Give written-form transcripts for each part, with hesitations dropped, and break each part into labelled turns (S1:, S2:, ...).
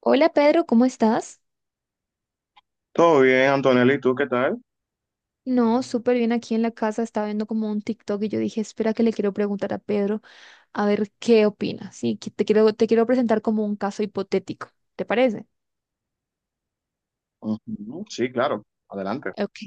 S1: Hola Pedro, ¿cómo estás?
S2: Todo bien, Antonella, ¿y tú qué tal?
S1: No, súper bien aquí en la casa, estaba viendo como un TikTok y yo dije, espera que le quiero preguntar a Pedro a ver qué opina. Sí, que te quiero presentar como un caso hipotético, ¿te parece?
S2: Ujú, sí, claro, adelante.
S1: Ok.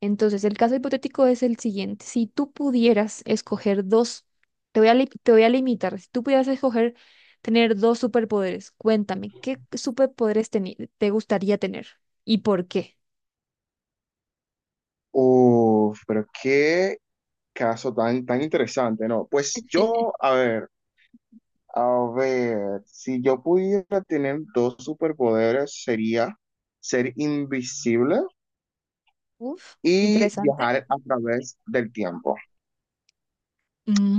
S1: Entonces, el caso hipotético es el siguiente. Si tú pudieras escoger dos, te voy a limitar, si tú pudieras escoger tener dos superpoderes, cuéntame, ¿qué superpoderes te gustaría tener y por qué?
S2: Uf, pero qué caso tan, tan interesante, ¿no? Pues yo, a ver, si yo pudiera tener dos superpoderes, sería ser invisible
S1: Uf,
S2: y
S1: interesante.
S2: viajar a través del tiempo.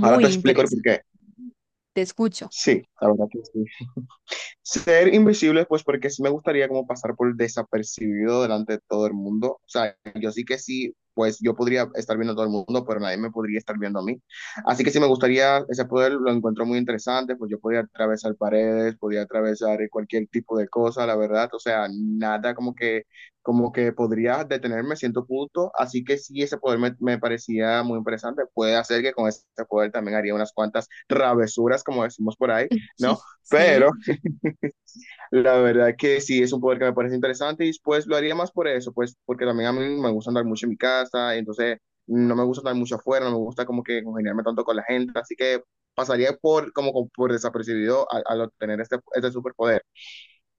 S2: Ahora te explico el
S1: interesante.
S2: porqué.
S1: Te escucho.
S2: Sí, la verdad que sí. Ser invisible, pues porque sí me gustaría como pasar por desapercibido delante de todo el mundo. O sea, yo sí que sí, pues yo podría estar viendo a todo el mundo, pero nadie me podría estar viendo a mí. Así que sí me gustaría ese poder, lo encuentro muy interesante, pues yo podría atravesar paredes, podría atravesar cualquier tipo de cosa, la verdad. O sea, nada como que podría detenerme a cierto punto. Así que sí, ese poder me parecía muy interesante. Puede hacer que con ese poder también haría unas cuantas travesuras, como decimos por ahí, ¿no?
S1: Sí,
S2: Pero... La verdad que sí, es un poder que me parece interesante y pues lo haría más por eso, pues porque también a mí me gusta andar mucho en mi casa, entonces no me gusta andar mucho afuera, no me gusta como que congeniarme tanto con la gente, así que pasaría por como por desapercibido al obtener este superpoder.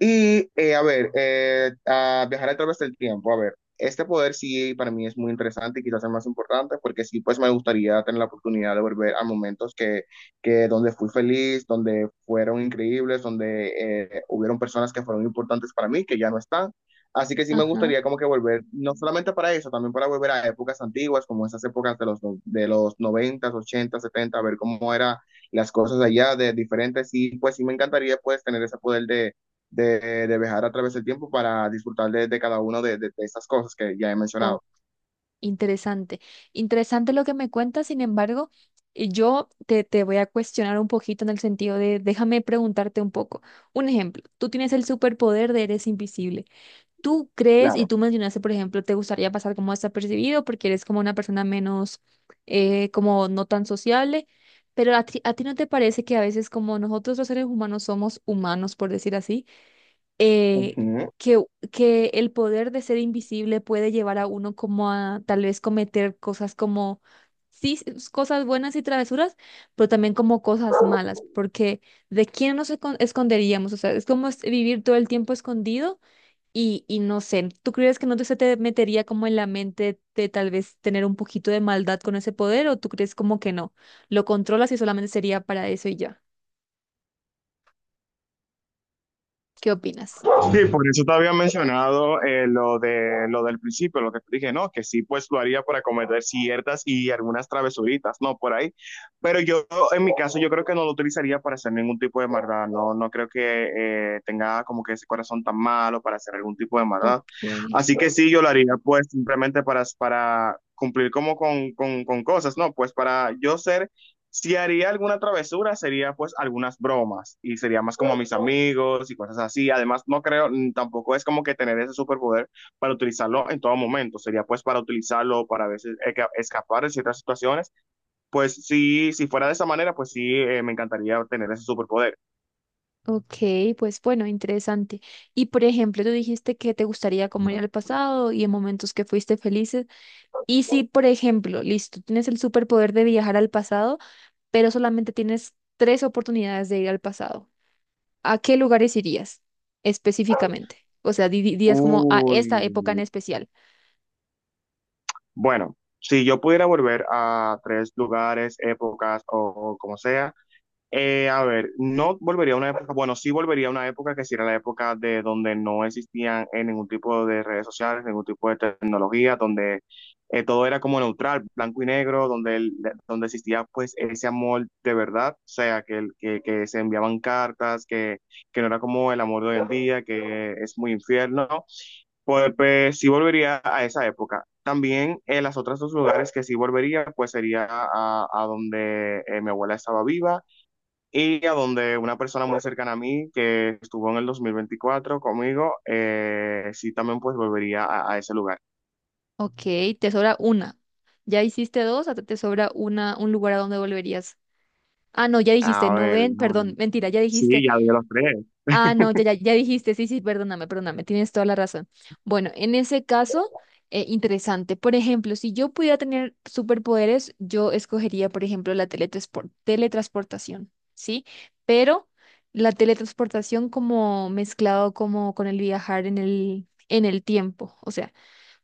S2: Y, a ver, a viajar a través del tiempo, a ver, este poder sí para mí es muy interesante y quizás el más importante porque sí, pues me gustaría tener la oportunidad de volver a momentos que donde fui feliz, donde fueron increíbles, donde hubieron personas que fueron importantes para mí, que ya no están. Así que sí me
S1: ajá.
S2: gustaría como que volver, no solamente para eso, también para volver a épocas antiguas, como esas épocas de los 90, 80, 70 a ver cómo eran las cosas allá de diferentes. Y pues sí me encantaría pues tener ese poder de viajar a través del tiempo para disfrutar de cada una de estas cosas que ya he
S1: Oh,
S2: mencionado.
S1: interesante. Interesante lo que me cuentas. Sin embargo, y yo te voy a cuestionar un poquito en el sentido de, déjame preguntarte un poco. Un ejemplo, tú tienes el superpoder de eres invisible. ¿Tú crees, y
S2: Claro.
S1: tú mencionaste, por ejemplo, te gustaría pasar como desapercibido porque eres como una persona menos, como no tan sociable? Pero a ti no te parece que a veces como nosotros los seres humanos somos humanos, por decir así, eh,
S2: Ujú.
S1: que, que el poder de ser invisible puede llevar a uno como a tal vez cometer cosas como, sí, cosas buenas y travesuras, pero también como cosas malas, porque ¿de quién esconderíamos? O sea, es como es vivir todo el tiempo escondido y no sé, ¿tú crees que no se te metería como en la mente de tal vez tener un poquito de maldad con ese poder o tú crees como que no? Lo controlas y solamente sería para eso y ya. ¿Qué opinas?
S2: Sí, por eso te había mencionado lo del principio, lo que te dije, ¿no? Que sí, pues lo haría para cometer ciertas y algunas travesuritas, ¿no? Por ahí. Pero yo, en mi caso, yo creo que no lo utilizaría para hacer ningún tipo de maldad, ¿no? No creo que tenga como que ese corazón tan malo para hacer algún tipo de maldad.
S1: Ok.
S2: Así que sí, yo lo haría, pues simplemente para cumplir como con cosas, ¿no? Pues para yo ser Si haría alguna travesura, sería pues algunas bromas y sería más como a mis amigos y cosas así. Además, no creo, tampoco es como que tener ese superpoder para utilizarlo en todo momento. Sería pues para utilizarlo, para a veces escapar de ciertas situaciones. Pues sí, si fuera de esa manera, pues sí, me encantaría tener ese superpoder.
S1: Ok, pues bueno, interesante. Y por ejemplo, tú dijiste que te gustaría como ir al pasado y en momentos que fuiste felices. Y si, por ejemplo, listo, tienes el superpoder de viajar al pasado, pero solamente tienes tres oportunidades de ir al pasado, ¿a qué lugares irías específicamente? O sea, dirías como a
S2: Uy,
S1: esta época en especial.
S2: bueno, si yo pudiera volver a tres lugares, épocas o como sea. A ver, no volvería a una época, bueno, sí volvería a una época que sí era la época de donde no existían ningún tipo de redes sociales, ningún tipo de tecnología, donde todo era como neutral, blanco y negro, donde existía pues ese amor de verdad, o sea, que se enviaban cartas, que no era como el amor de hoy en día, que es muy infierno, ¿no? Pues sí volvería a esa época. También en las otras dos lugares que sí volvería, pues sería a donde mi abuela estaba viva y a donde una persona muy cercana a mí que estuvo en el 2024 conmigo, sí también pues volvería a ese lugar.
S1: Ok, te sobra una. Ya hiciste dos, hasta te sobra una, un lugar a donde volverías. Ah, no, ya dijiste,
S2: A
S1: no
S2: ver,
S1: ven,
S2: no,
S1: perdón,
S2: no.
S1: mentira, ya
S2: Sí,
S1: dijiste.
S2: ya vi los tres.
S1: Ah, no, ya, ya, ya dijiste, sí, sí, perdóname, perdóname, tienes toda la razón. Bueno, en ese caso, interesante. Por ejemplo, si yo pudiera tener superpoderes, yo escogería, por ejemplo, la teletransportación, ¿sí? Pero la teletransportación como mezclado como con el viajar en el tiempo, o sea,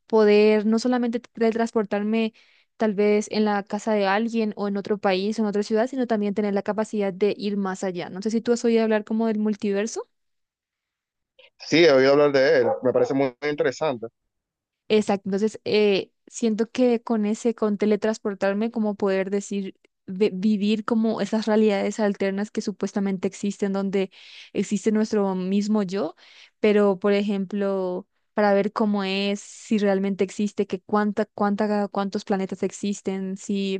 S1: poder no solamente teletransportarme tal vez en la casa de alguien o en otro país o en otra ciudad, sino también tener la capacidad de ir más allá. No sé si tú has oído hablar como del multiverso.
S2: Muy interesante.
S1: Exacto, entonces siento que con ese, con teletransportarme, como poder decir, vivir como esas realidades alternas que supuestamente existen, donde existe nuestro mismo yo, pero por ejemplo, para ver cómo es, si realmente existe, que cuántos planetas existen, si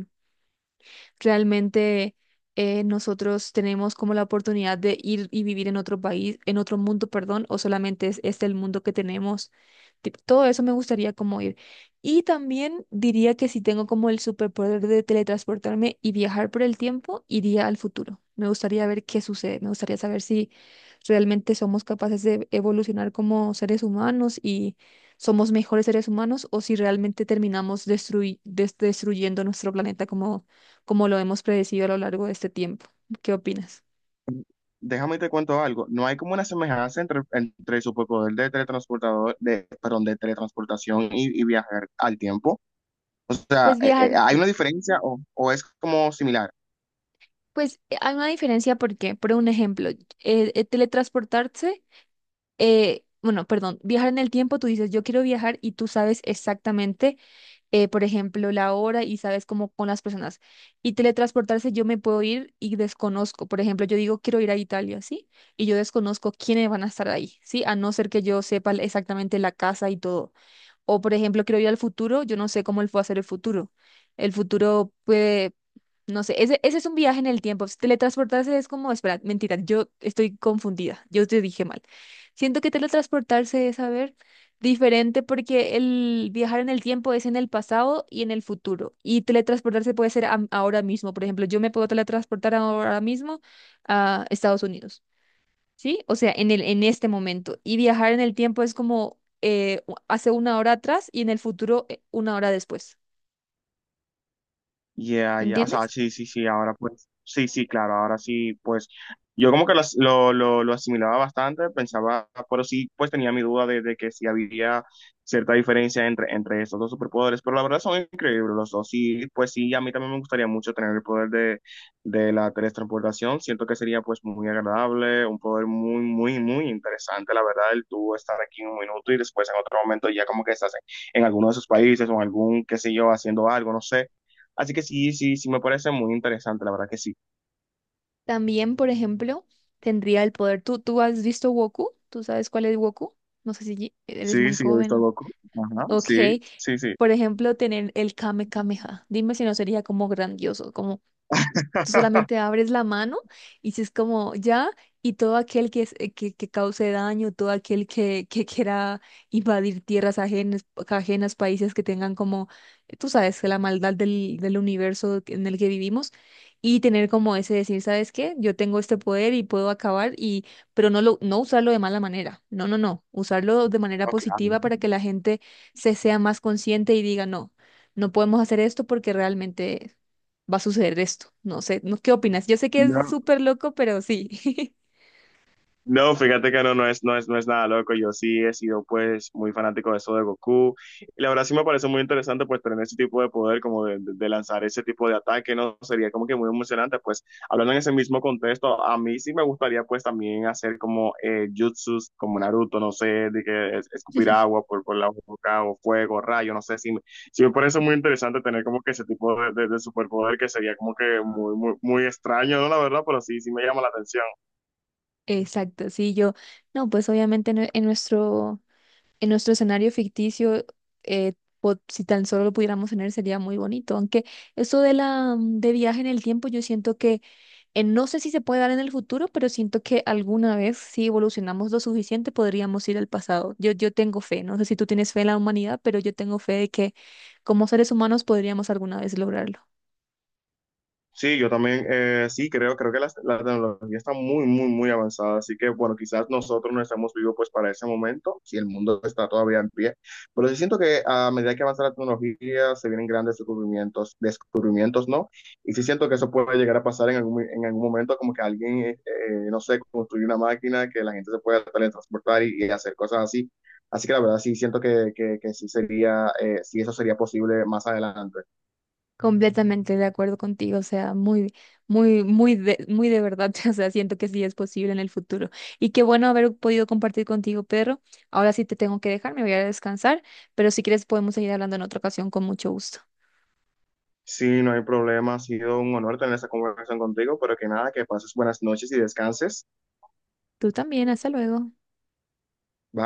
S1: realmente nosotros tenemos como la oportunidad de ir y vivir en otro país, en otro mundo, perdón, o solamente es este el mundo que tenemos. Todo eso me gustaría como ir. Y también diría que si tengo como el superpoder de teletransportarme y viajar por el tiempo, iría al futuro. Me gustaría ver qué sucede, me gustaría saber si realmente somos capaces de evolucionar como seres humanos y somos mejores seres humanos o si realmente terminamos destruyendo nuestro planeta como lo hemos predecido a lo largo de este tiempo. ¿Qué opinas?
S2: Déjame te cuento algo. No hay como una semejanza entre el superpoder de teletransportador, de, perdón, de teletransportación y viajar al tiempo. O sea,
S1: Pues viajar,
S2: ¿hay una diferencia o es como similar?
S1: pues hay una diferencia porque, por un ejemplo, teletransportarse, bueno, perdón, viajar en el tiempo, tú dices, yo quiero viajar y tú sabes exactamente, por ejemplo, la hora y sabes cómo con las personas. Y teletransportarse, yo me puedo ir y desconozco. Por ejemplo, yo digo, quiero ir a Italia, ¿sí? Y yo desconozco quiénes van a estar ahí, ¿sí? A no ser que yo sepa exactamente la casa y todo. O, por ejemplo, quiero ir al futuro, yo no sé cómo él fue a hacer el futuro. El futuro puede, no sé, ese es un viaje en el tiempo. Si teletransportarse es como, espera, mentira, yo estoy confundida, yo te dije mal. Siento que teletransportarse es, a ver, diferente porque el viajar en el tiempo es en el pasado y en el futuro. Y teletransportarse puede ser ahora mismo. Por ejemplo, yo me puedo teletransportar ahora mismo a Estados Unidos. ¿Sí? O sea, en este momento. Y viajar en el tiempo es como hace una hora atrás y en el futuro una hora después.
S2: Ya, ya, o sea,
S1: ¿Entiendes?
S2: sí, sí, sí, ahora pues, sí, sí, claro, ahora sí, pues, yo como que lo asimilaba bastante, pensaba, pero sí, pues tenía mi duda de que sí había cierta diferencia entre estos dos superpoderes, pero la verdad son increíbles los dos, sí, pues sí, a mí también me gustaría mucho tener el poder de la teletransportación, siento que sería pues muy agradable, un poder muy, muy, muy interesante, la verdad, el tú estar aquí un minuto y después en otro momento ya como que estás en alguno de esos países o en algún, qué sé yo, haciendo algo, no sé. Así que sí, sí, sí, me parece muy interesante, la verdad que sí.
S1: También, por ejemplo, tendría el poder. Tú has visto Goku? ¿Tú sabes cuál es Goku? No sé si eres
S2: Sí,
S1: muy
S2: sí, he
S1: joven,
S2: visto
S1: ¿no?
S2: loco. Ajá,
S1: Ok.
S2: sí, sí, sí.
S1: Por ejemplo, tener el Kame Kameha. Dime si no sería como grandioso. Tú solamente abres la mano y si es como ya, y todo aquel que, que cause daño, todo aquel que quiera invadir tierras ajenas, ajenas, países que tengan como, tú sabes, que la maldad del universo en el que vivimos, y tener como ese decir, ¿sabes qué? Yo tengo este poder y puedo acabar, y, pero no, no usarlo de mala manera, no, no, no, usarlo de manera
S2: No, claro.
S1: positiva para que la gente se sea más consciente y diga, no, no podemos hacer esto porque realmente va a suceder esto. No sé, ¿no? ¿Qué opinas? Yo sé que es
S2: No.
S1: súper loco, pero sí.
S2: No, fíjate que no, no es nada loco. Yo sí he sido pues muy fanático de eso de Goku. Y la verdad sí me parece muy interesante pues tener ese tipo de poder, como de lanzar ese tipo de ataque, ¿no? Sería como que muy emocionante. Pues hablando en ese mismo contexto, a mí sí me gustaría pues también hacer como jutsus, como Naruto, no sé, de que escupir agua por la boca o fuego, rayo, no sé, sí, sí me parece muy interesante tener como que ese tipo de superpoder que sería como que muy, muy, muy extraño, ¿no? La verdad, pero sí, sí me llama la atención.
S1: Exacto, sí, yo, no, pues obviamente en nuestro escenario ficticio, eh, si tan solo lo pudiéramos tener sería muy bonito, aunque eso de la, de viaje en el tiempo, yo siento que, no sé si se puede dar en el futuro, pero siento que alguna vez, si evolucionamos lo suficiente, podríamos ir al pasado. Yo tengo fe, no sé si tú tienes fe en la humanidad, pero yo tengo fe de que como seres humanos podríamos alguna vez lograrlo.
S2: Sí, yo también, sí, creo que la tecnología está muy, muy, muy avanzada, así que bueno, quizás nosotros no estamos vivos pues para ese momento, si el mundo está todavía en pie, pero sí siento que a medida que avanza la tecnología se vienen grandes descubrimientos, descubrimientos, ¿no? Y sí siento que eso puede llegar a pasar en algún momento, como que alguien, no sé, construye una máquina que la gente se pueda teletransportar y hacer cosas así, así que la verdad sí siento que sí sería, sí eso sería posible más adelante.
S1: Completamente de acuerdo contigo, o sea, muy, muy, muy de verdad, o sea, siento que sí es posible en el futuro. Y qué bueno haber podido compartir contigo, Pedro. Ahora sí te tengo que dejar, me voy a descansar, pero si quieres podemos seguir hablando en otra ocasión con mucho gusto.
S2: Sí, no hay problema. Ha sido un honor tener esa conversación contigo, pero que nada, que pases buenas noches y descanses.
S1: Tú también, hasta luego.
S2: Bye.